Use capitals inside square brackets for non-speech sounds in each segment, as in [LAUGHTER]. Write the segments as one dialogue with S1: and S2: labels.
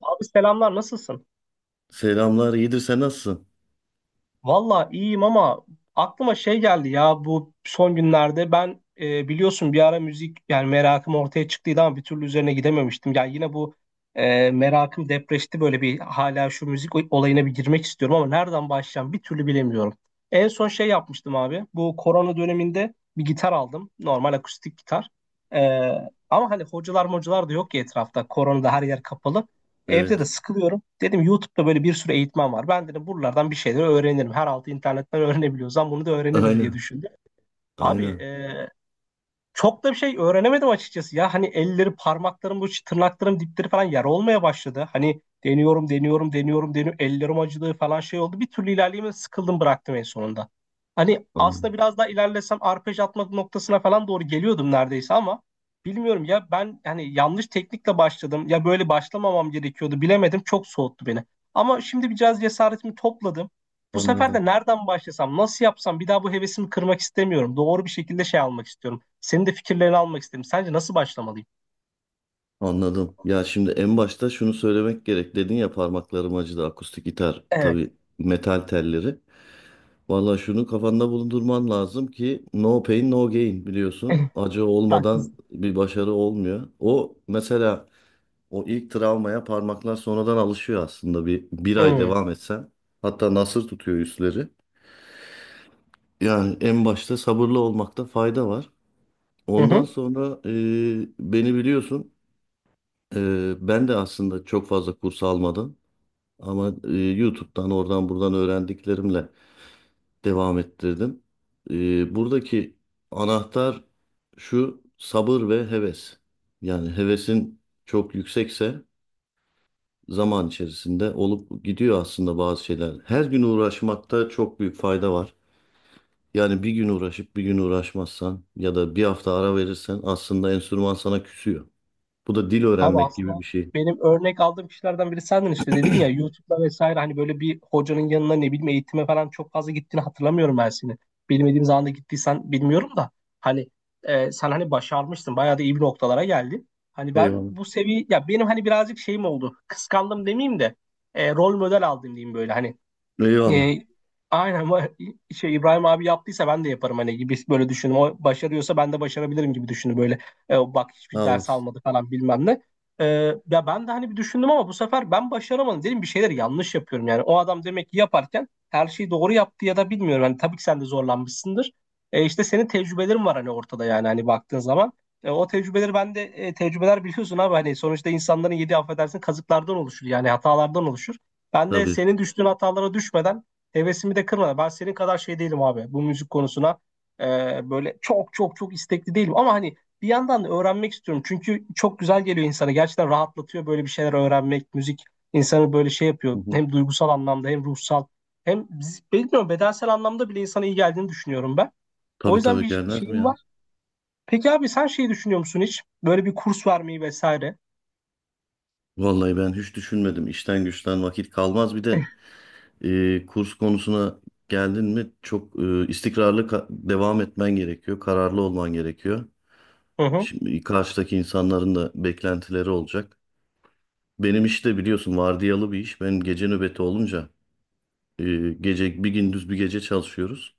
S1: Abi selamlar, nasılsın?
S2: Selamlar, iyidir sen nasılsın?
S1: Valla iyiyim ama aklıma şey geldi ya, bu son günlerde ben biliyorsun bir ara müzik yani merakım ortaya çıktıydı ama bir türlü üzerine gidememiştim. Yani yine bu merakım depreşti, böyle bir hala şu müzik olayına bir girmek istiyorum ama nereden başlayacağım bir türlü bilemiyorum. En son şey yapmıştım abi, bu korona döneminde bir gitar aldım, normal akustik gitar. E, ama hani hocalar mocalar da yok ki etrafta, koronada her yer kapalı. Evde de
S2: Evet.
S1: sıkılıyorum. Dedim YouTube'da böyle bir sürü eğitmen var. Ben dedim buralardan bir şeyler öğrenirim. Her altı internetten [LAUGHS] öğrenebiliyorsam bunu da öğrenirim diye
S2: Aynen,
S1: düşündüm. Abi
S2: aynen.
S1: çok da bir şey öğrenemedim açıkçası ya. Hani elleri, parmaklarım, bu tırnaklarım dipleri falan yara olmaya başladı. Hani deniyorum, deniyorum, deniyorum, deniyorum. Ellerim acıdı falan, şey oldu. Bir türlü ilerleyemem, sıkıldım, bıraktım en sonunda. Hani aslında
S2: Anladım.
S1: biraz daha ilerlesem arpej atmak noktasına falan doğru geliyordum neredeyse ama bilmiyorum ya, ben hani yanlış teknikle başladım. Ya böyle başlamamam gerekiyordu, bilemedim. Çok soğuttu beni. Ama şimdi bir biraz cesaretimi topladım. Bu sefer
S2: Anladım.
S1: de nereden başlasam, nasıl yapsam, bir daha bu hevesimi kırmak istemiyorum. Doğru bir şekilde şey almak istiyorum. Senin de fikirlerini almak istedim. Sence nasıl başlamalıyım?
S2: Anladım. Ya şimdi en başta şunu söylemek gerek. Dedin ya parmaklarım acıdı akustik gitar. Tabii
S1: Evet.
S2: metal telleri. Valla şunu kafanda bulundurman lazım ki no pain no gain biliyorsun. Acı
S1: [LAUGHS]
S2: olmadan
S1: Haklısın.
S2: bir başarı olmuyor. O mesela o ilk travmaya parmaklar sonradan alışıyor aslında. Bir ay
S1: Hmm.
S2: devam etsen. Hatta nasır tutuyor üstleri. Yani en başta sabırlı olmakta fayda var.
S1: Hı
S2: Ondan
S1: hı.
S2: sonra beni biliyorsun. Ben de aslında çok fazla kurs almadım. Ama YouTube'dan oradan buradan öğrendiklerimle devam ettirdim. Buradaki anahtar şu sabır ve heves. Yani hevesin çok yüksekse zaman içerisinde olup gidiyor aslında bazı şeyler. Her gün uğraşmakta çok büyük fayda var. Yani bir gün uğraşıp bir gün uğraşmazsan ya da bir hafta ara verirsen aslında enstrüman sana küsüyor. Bu da dil
S1: Abi
S2: öğrenmek gibi
S1: aslında
S2: bir şey.
S1: benim örnek aldığım kişilerden biri sendin, işte dedin ya YouTube'da vesaire, hani böyle bir hocanın yanına ne bileyim eğitime falan çok fazla gittiğini hatırlamıyorum ben seni. Bilmediğim zaman da gittiysen bilmiyorum da hani sen hani başarmıştın, bayağı da iyi bir noktalara geldin. Hani ben
S2: Eyvallah.
S1: bu seviye ya, benim hani birazcık şeyim oldu, kıskandım demeyeyim de rol model aldım diyeyim böyle hani. e,
S2: Eyvallah.
S1: aynen ama şey, İbrahim abi yaptıysa ben de yaparım hani, gibi böyle düşündüm. O başarıyorsa ben de başarabilirim gibi düşündüm böyle. Bak hiçbir
S2: Sağ
S1: ders
S2: olasın.
S1: almadı falan bilmem ne. E, ya ben de hani bir düşündüm ama bu sefer ben başaramadım. Dedim bir şeyler yanlış yapıyorum yani. O adam demek ki yaparken her şeyi doğru yaptı ya da bilmiyorum. Hani tabii ki sen de zorlanmışsındır. İşte senin tecrübelerin var hani ortada yani, hani baktığın zaman. O tecrübeleri ben de tecrübeler biliyorsun abi, hani sonuçta insanların yedi affedersin kazıklardan oluşur yani, hatalardan oluşur. Ben de
S2: Tabii.
S1: senin düştüğün hatalara düşmeden, hevesimi de kırmadan. Ben senin kadar şey değilim abi bu müzik konusuna. Böyle çok çok çok istekli değilim. Ama hani bir yandan da öğrenmek istiyorum. Çünkü çok güzel geliyor insana. Gerçekten rahatlatıyor böyle bir şeyler öğrenmek. Müzik insanı böyle şey
S2: Hı
S1: yapıyor.
S2: hı.
S1: Hem duygusal anlamda hem ruhsal. Hem bilmiyorum bedensel anlamda bile insana iyi geldiğini düşünüyorum ben. O
S2: Tabii
S1: yüzden
S2: tabii
S1: bir
S2: gelmez mi
S1: şeyim
S2: ya?
S1: var. Peki abi sen şey düşünüyor musun hiç? Böyle bir kurs vermeyi vesaire.
S2: Vallahi ben hiç düşünmedim. İşten güçten vakit kalmaz. Bir de
S1: [LAUGHS]
S2: kurs konusuna geldin mi çok istikrarlı devam etmen gerekiyor. Kararlı olman gerekiyor.
S1: Hı hı.
S2: Şimdi karşıdaki insanların da beklentileri olacak. Benim iş de biliyorsun vardiyalı bir iş. Benim gece nöbeti olunca e, gece bir gündüz bir gece çalışıyoruz.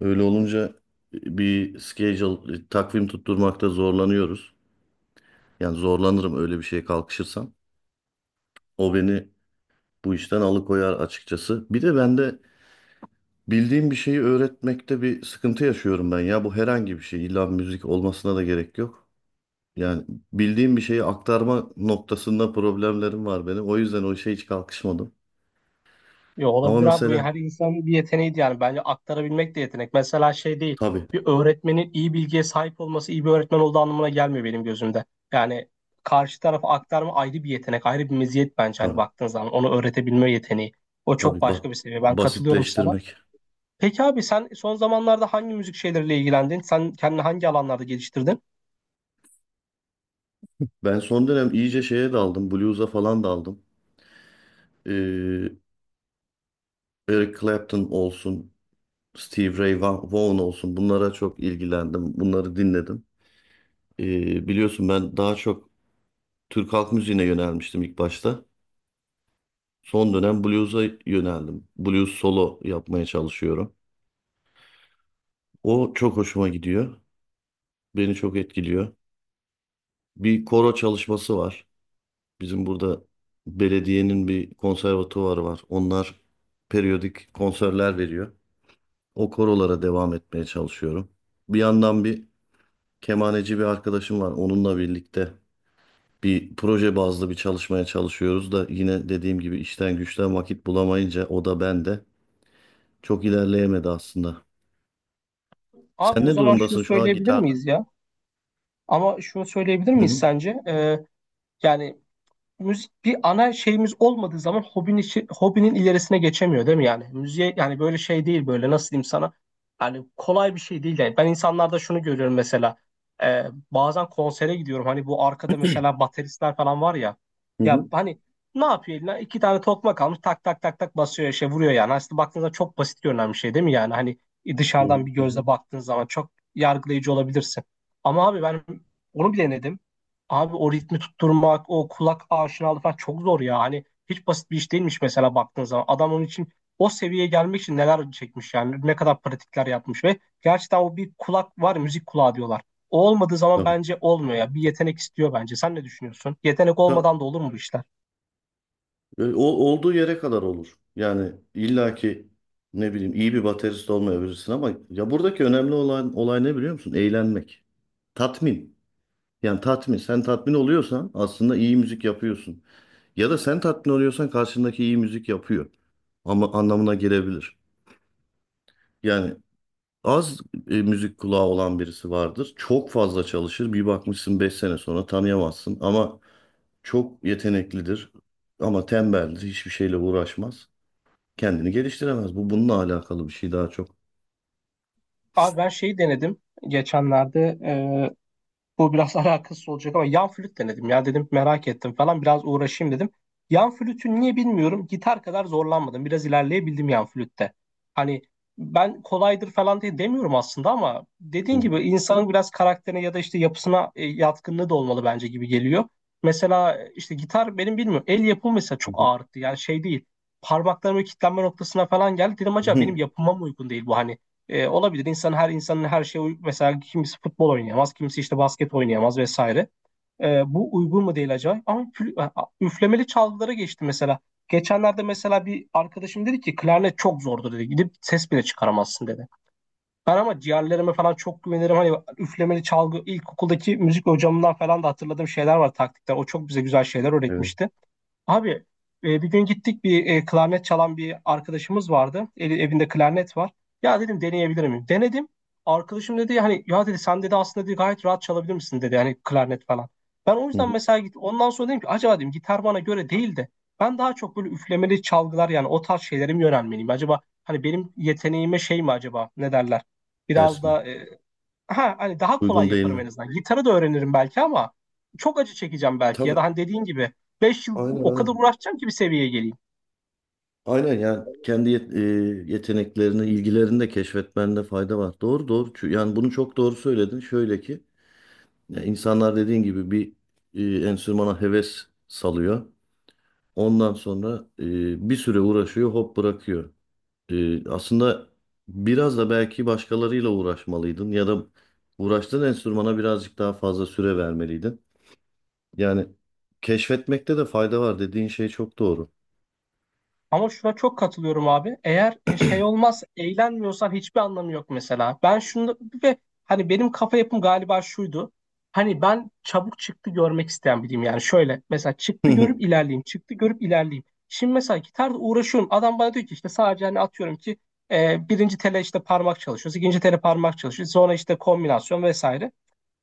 S2: Öyle olunca bir schedule, takvim tutturmakta zorlanıyoruz. Yani zorlanırım öyle bir şeye kalkışırsam. O beni bu işten alıkoyar açıkçası. Bir de ben de bildiğim bir şeyi öğretmekte bir sıkıntı yaşıyorum ben ya. Bu herhangi bir şey. İlla müzik olmasına da gerek yok. Yani bildiğim bir şeyi aktarma noktasında problemlerim var benim. O yüzden o işe hiç kalkışmadım.
S1: Yo,
S2: Ama
S1: olabilir abi. Bu
S2: mesela
S1: her insanın bir yeteneği yani. Bence aktarabilmek de yetenek. Mesela şey değil.
S2: tabii
S1: Bir öğretmenin iyi bilgiye sahip olması iyi bir öğretmen olduğu anlamına gelmiyor benim gözümde. Yani karşı tarafa aktarma ayrı bir yetenek, ayrı bir meziyet bence hani,
S2: tabii
S1: baktığın zaman. Onu öğretebilme yeteneği. O
S2: tabii
S1: çok başka bir seviye. Ben katılıyorum sana.
S2: basitleştirmek.
S1: Peki abi sen son zamanlarda hangi müzik şeyleriyle ilgilendin? Sen kendini hangi alanlarda geliştirdin?
S2: Ben son dönem iyice şeye daldım. Blues'a falan daldım. Ee, Eric Clapton olsun, Steve Ray Vaughan olsun bunlara çok ilgilendim. Bunları dinledim. Biliyorsun ben daha çok Türk halk müziğine yönelmiştim ilk başta. Son dönem blues'a yöneldim. Blues solo yapmaya çalışıyorum. O çok hoşuma gidiyor. Beni çok etkiliyor. Bir koro çalışması var. Bizim burada belediyenin bir konservatuvarı var. Onlar periyodik konserler veriyor. O korolara devam etmeye çalışıyorum. Bir yandan bir kemaneci bir arkadaşım var. Onunla birlikte bir proje bazlı bir çalışmaya çalışıyoruz da yine dediğim gibi işten güçten vakit bulamayınca o da ben de çok ilerleyemedi aslında.
S1: Abi
S2: Sen
S1: o
S2: ne
S1: zaman şunu
S2: durumdasın şu an
S1: söyleyebilir
S2: gitarda?
S1: miyiz ya? Ama şunu söyleyebilir
S2: Hı
S1: miyiz
S2: hı.
S1: sence? Yani müzik bir ana şeyimiz olmadığı zaman hobinin, hobinin ilerisine geçemiyor değil mi yani? Müziğe yani böyle şey değil, böyle nasıl diyeyim sana? Yani kolay bir şey değil yani. Ben insanlarda şunu görüyorum mesela. Ee, bazen konsere gidiyorum. Hani bu arkada mesela bateristler falan var ya.
S2: Hı
S1: Ya
S2: hı.
S1: hani ne yapıyor eline? İki tane tokmak almış, tak tak tak tak basıyor, şey vuruyor yani. Aslında baktığınızda çok basit görünen bir şey değil mi yani? Hani
S2: Hı hı.
S1: dışarıdan bir
S2: Hı hı.
S1: gözle baktığın zaman çok yargılayıcı olabilirsin. Ama abi ben onu bile denedim. Abi o ritmi tutturmak, o kulak aşinalığı falan çok zor ya. Hani hiç basit bir iş değilmiş mesela, baktığın zaman. Adam onun için o seviyeye gelmek için neler çekmiş yani. Ne kadar pratikler yapmış ve gerçekten o bir kulak var, ya, müzik kulağı diyorlar. O olmadığı zaman
S2: Tabii.
S1: bence olmuyor ya. Bir yetenek istiyor bence. Sen ne düşünüyorsun? Yetenek
S2: Ta-
S1: olmadan da olur mu bu işler?
S2: Olduğu yere kadar olur. Yani illaki ne bileyim iyi bir baterist olmayabilirsin ama ya buradaki önemli olan olay ne biliyor musun? Eğlenmek. Tatmin. Yani tatmin. Sen tatmin oluyorsan aslında iyi müzik yapıyorsun. Ya da sen tatmin oluyorsan karşındaki iyi müzik yapıyor. Ama anlamına gelebilir. Yani az müzik kulağı olan birisi vardır. Çok fazla çalışır. Bir bakmışsın 5 sene sonra tanıyamazsın. Ama çok yeteneklidir. Ama tembeldir. Hiçbir şeyle uğraşmaz. Kendini geliştiremez. Bu bununla alakalı bir şey daha çok.
S1: Abi ben şeyi denedim geçenlerde. Bu biraz [LAUGHS] alakasız olacak ama yan flüt denedim ya, dedim merak ettim falan, biraz uğraşayım dedim. Yan flütün niye bilmiyorum gitar kadar zorlanmadım. Biraz ilerleyebildim yan flütte. Hani ben kolaydır falan diye demiyorum aslında ama
S2: Hı
S1: dediğin
S2: hı,
S1: gibi insanın biraz karakterine ya da işte yapısına yatkınlığı da olmalı bence, gibi geliyor. Mesela işte gitar benim bilmiyorum el yapımı mesela,
S2: hı
S1: çok
S2: hı.
S1: ağrıttı yani şey değil. Parmaklarımın kilitlenme noktasına falan geldi. Dedim acaba benim
S2: [LAUGHS]
S1: yapıma mı uygun değil bu, hani olabilir. İnsan her insanın her şeye uygun. Mesela kimisi futbol oynayamaz, kimisi işte basket oynayamaz vesaire. Bu uygun mu değil acaba? Ama üflemeli çalgılara geçti mesela. Geçenlerde mesela bir arkadaşım dedi ki klarnet çok zordur dedi. Gidip ses bile çıkaramazsın dedi. Ben ama ciğerlerime falan çok güvenirim. Hani üflemeli çalgı, ilkokuldaki müzik hocamından falan da hatırladığım şeyler var, taktikler. O çok bize güzel şeyler
S2: Evet.
S1: öğretmişti. Abi bir gün gittik bir klarnet çalan bir arkadaşımız vardı. Evinde klarnet var. Ya dedim deneyebilir miyim? Denedim. Arkadaşım dedi hani, ya dedi sen dedi aslında dedi, gayet rahat çalabilir misin dedi hani klarnet falan. Ben o
S2: hı
S1: yüzden
S2: hı.
S1: mesela, git ondan sonra dedim ki acaba dedim gitar bana göre değil de ben daha çok böyle üflemeli çalgılar yani o tarz şeylere mi yönelmeliyim? Acaba hani benim yeteneğime şey mi acaba, ne derler? Biraz
S2: Ters mi?
S1: da ha hani daha kolay
S2: Uygun değil
S1: yaparım
S2: mi?
S1: en azından. Gitarı da öğrenirim belki ama çok acı çekeceğim belki ya
S2: Tabii.
S1: da hani dediğin gibi 5 yıl
S2: Aynen
S1: o kadar
S2: aynen.
S1: uğraşacağım ki bir seviyeye geleyim.
S2: Aynen yani kendi yeteneklerini, ilgilerini de keşfetmende fayda var. Doğru doğru. Yani bunu çok doğru söyledin. Şöyle ki ya insanlar dediğin gibi bir enstrümana heves salıyor. Ondan sonra bir süre uğraşıyor, hop bırakıyor. Aslında biraz da belki başkalarıyla uğraşmalıydın ya da uğraştığın enstrümana birazcık daha fazla süre vermeliydin. Yani keşfetmekte de fayda var dediğin şey çok doğru.
S1: Ama şuna çok katılıyorum abi. Eğer şey olmaz, eğlenmiyorsan hiçbir anlamı yok mesela. Ben şunu ve hani benim kafa yapım galiba şuydu. Hani ben çabuk çıktı görmek isteyen biriyim yani. Şöyle mesela
S2: [LAUGHS]
S1: çıktı
S2: Hı
S1: görüp ilerleyeyim, çıktı görüp ilerleyeyim. Şimdi mesela gitarda uğraşıyorum. Adam bana diyor ki işte, sadece hani atıyorum ki birinci tele işte parmak çalışıyoruz, ikinci tele parmak çalışıyoruz. Sonra işte kombinasyon vesaire.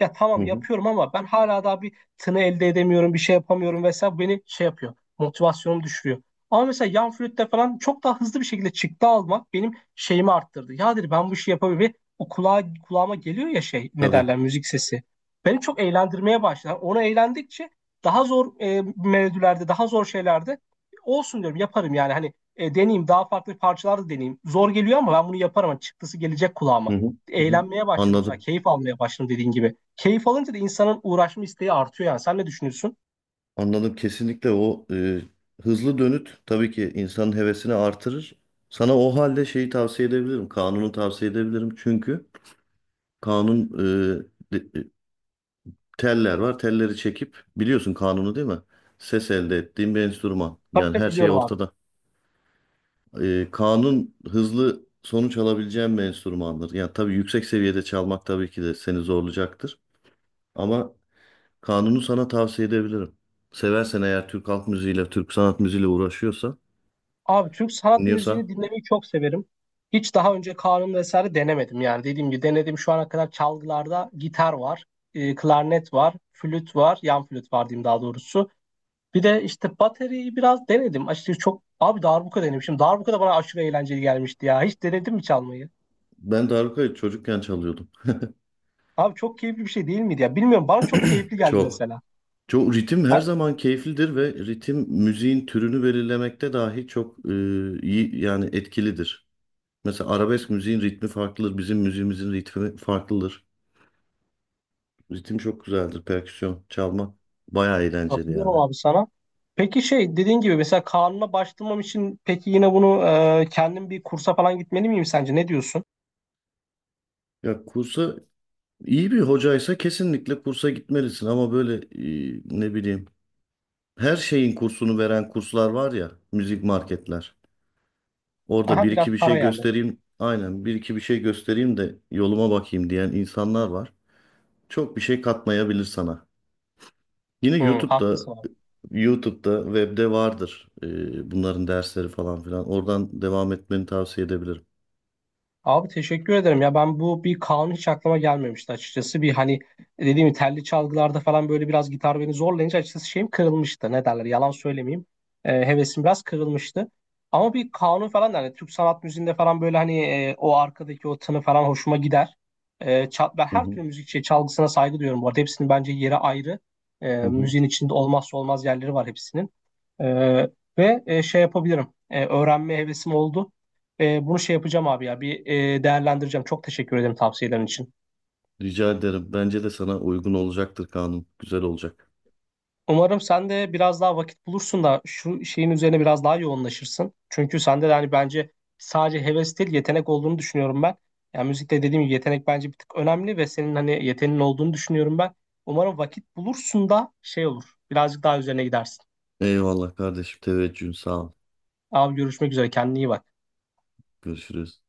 S1: Ya tamam
S2: hı.
S1: yapıyorum ama ben hala daha bir tını elde edemiyorum, bir şey yapamıyorum vesaire. Bu beni şey yapıyor, motivasyonumu düşürüyor. Ama mesela yan flütte falan çok daha hızlı bir şekilde çıktı almak benim şeyimi arttırdı. Ya dedi ben bu işi yapabilirim. Ve o kulağa, kulağıma geliyor ya, şey ne
S2: Tabii.
S1: derler, müzik sesi. Beni çok eğlendirmeye başladı. Onu eğlendikçe daha zor melodilerde, daha zor şeylerde olsun diyorum yaparım yani. Hani deneyeyim, daha farklı parçalar da deneyeyim. Zor geliyor ama ben bunu yaparım. Hani çıktısı gelecek
S2: Hı
S1: kulağıma,
S2: hı. Hı hı.
S1: eğlenmeye başladım sonra,
S2: Anladım.
S1: keyif almaya başladım, dediğin gibi. Keyif alınca da insanın uğraşma isteği artıyor yani. Sen ne düşünüyorsun?
S2: Anladım kesinlikle o hızlı dönüt tabii ki insanın hevesini artırır. Sana o halde şeyi tavsiye edebilirim. Kanunu tavsiye edebilirim. Çünkü kanun e, de- e, teller var. Telleri çekip biliyorsun kanunu değil mi? Ses elde ettiğin bir enstrüman.
S1: Tabii
S2: Yani
S1: tabii
S2: her şey
S1: biliyorum abi.
S2: ortada. Kanun hızlı sonuç alabileceğin bir enstrümandır. Yani tabii yüksek seviyede çalmak tabii ki de seni zorlayacaktır. Ama kanunu sana tavsiye edebilirim. Seversen eğer Türk halk müziğiyle, Türk sanat müziğiyle uğraşıyorsan
S1: Abi Türk sanat müziğini
S2: Dinliyorsan.
S1: dinlemeyi çok severim. Hiç daha önce kanun vesaire denemedim yani. Dediğim gibi denedim şu ana kadar çalgılarda gitar var, klarnet var, flüt var, yan flüt var diyeyim daha doğrusu. Bir de işte bateriyi biraz denedim. Açıkçası çok abi darbuka denemişim. Darbuka da bana aşırı eğlenceli gelmişti ya. Hiç denedin mi çalmayı?
S2: Ben darbukayı çocukken çalıyordum.
S1: Abi çok keyifli bir şey değil miydi ya? Bilmiyorum bana çok keyifli geldi
S2: Çok.
S1: mesela.
S2: Çok ritim her zaman keyiflidir ve ritim müziğin türünü belirlemekte dahi çok iyi yani etkilidir. Mesela arabesk müziğin ritmi farklıdır. Bizim müziğimizin ritmi farklıdır. Ritim çok güzeldir. Perküsyon çalma bayağı eğlenceli yani.
S1: Katılıyorum abi sana. Peki şey dediğin gibi mesela kanuna başvurmam için, peki yine bunu kendim bir kursa falan gitmeli miyim sence? Ne diyorsun?
S2: Ya kursa iyi bir hocaysa kesinlikle kursa gitmelisin ama böyle ne bileyim her şeyin kursunu veren kurslar var ya müzik marketler. Orada
S1: Aha
S2: bir iki
S1: biraz
S2: bir şey
S1: para yani.
S2: göstereyim. Aynen bir iki bir şey göstereyim de yoluma bakayım diyen insanlar var. Çok bir şey katmayabilir sana. Yine
S1: Hı,
S2: YouTube'da
S1: haklısın.
S2: YouTube'da webde vardır bunların dersleri falan filan. Oradan devam etmeni tavsiye edebilirim.
S1: Abi teşekkür ederim ya, ben bu bir kanun hiç aklıma gelmemişti açıkçası. Bir hani dediğim gibi telli çalgılarda falan böyle biraz, gitar beni zorlayınca açıkçası şeyim kırılmıştı ne derler, yalan söylemeyeyim. Hevesim biraz kırılmıştı ama bir kanun falan da hani Türk sanat müziğinde falan böyle hani o arkadaki o tını falan hoşuma gider. Ben
S2: Hı
S1: her
S2: hı,
S1: türlü müzik şey, çalgısına saygı duyuyorum bu arada, hepsinin bence yeri ayrı.
S2: hı hı.
S1: Müziğin içinde olmazsa olmaz yerleri var hepsinin. ee, ve şey yapabilirim. Öğrenme hevesim oldu. Bunu şey yapacağım abi ya, bir değerlendireceğim. Çok teşekkür ederim tavsiyelerin için.
S2: Rica ederim. Bence de sana uygun olacaktır kanun. Güzel olacak.
S1: Umarım sen de biraz daha vakit bulursun da şu şeyin üzerine biraz daha yoğunlaşırsın. Çünkü sende de hani bence sadece heves değil, yetenek olduğunu düşünüyorum ben. Yani müzikte dediğim gibi yetenek bence bir tık önemli ve senin hani yeteneğin olduğunu düşünüyorum ben. Umarım vakit bulursun da şey olur. Birazcık daha üzerine gidersin.
S2: Eyvallah kardeşim. Teveccühün sağ ol.
S1: Abi görüşmek üzere, kendine iyi bak.
S2: Görüşürüz.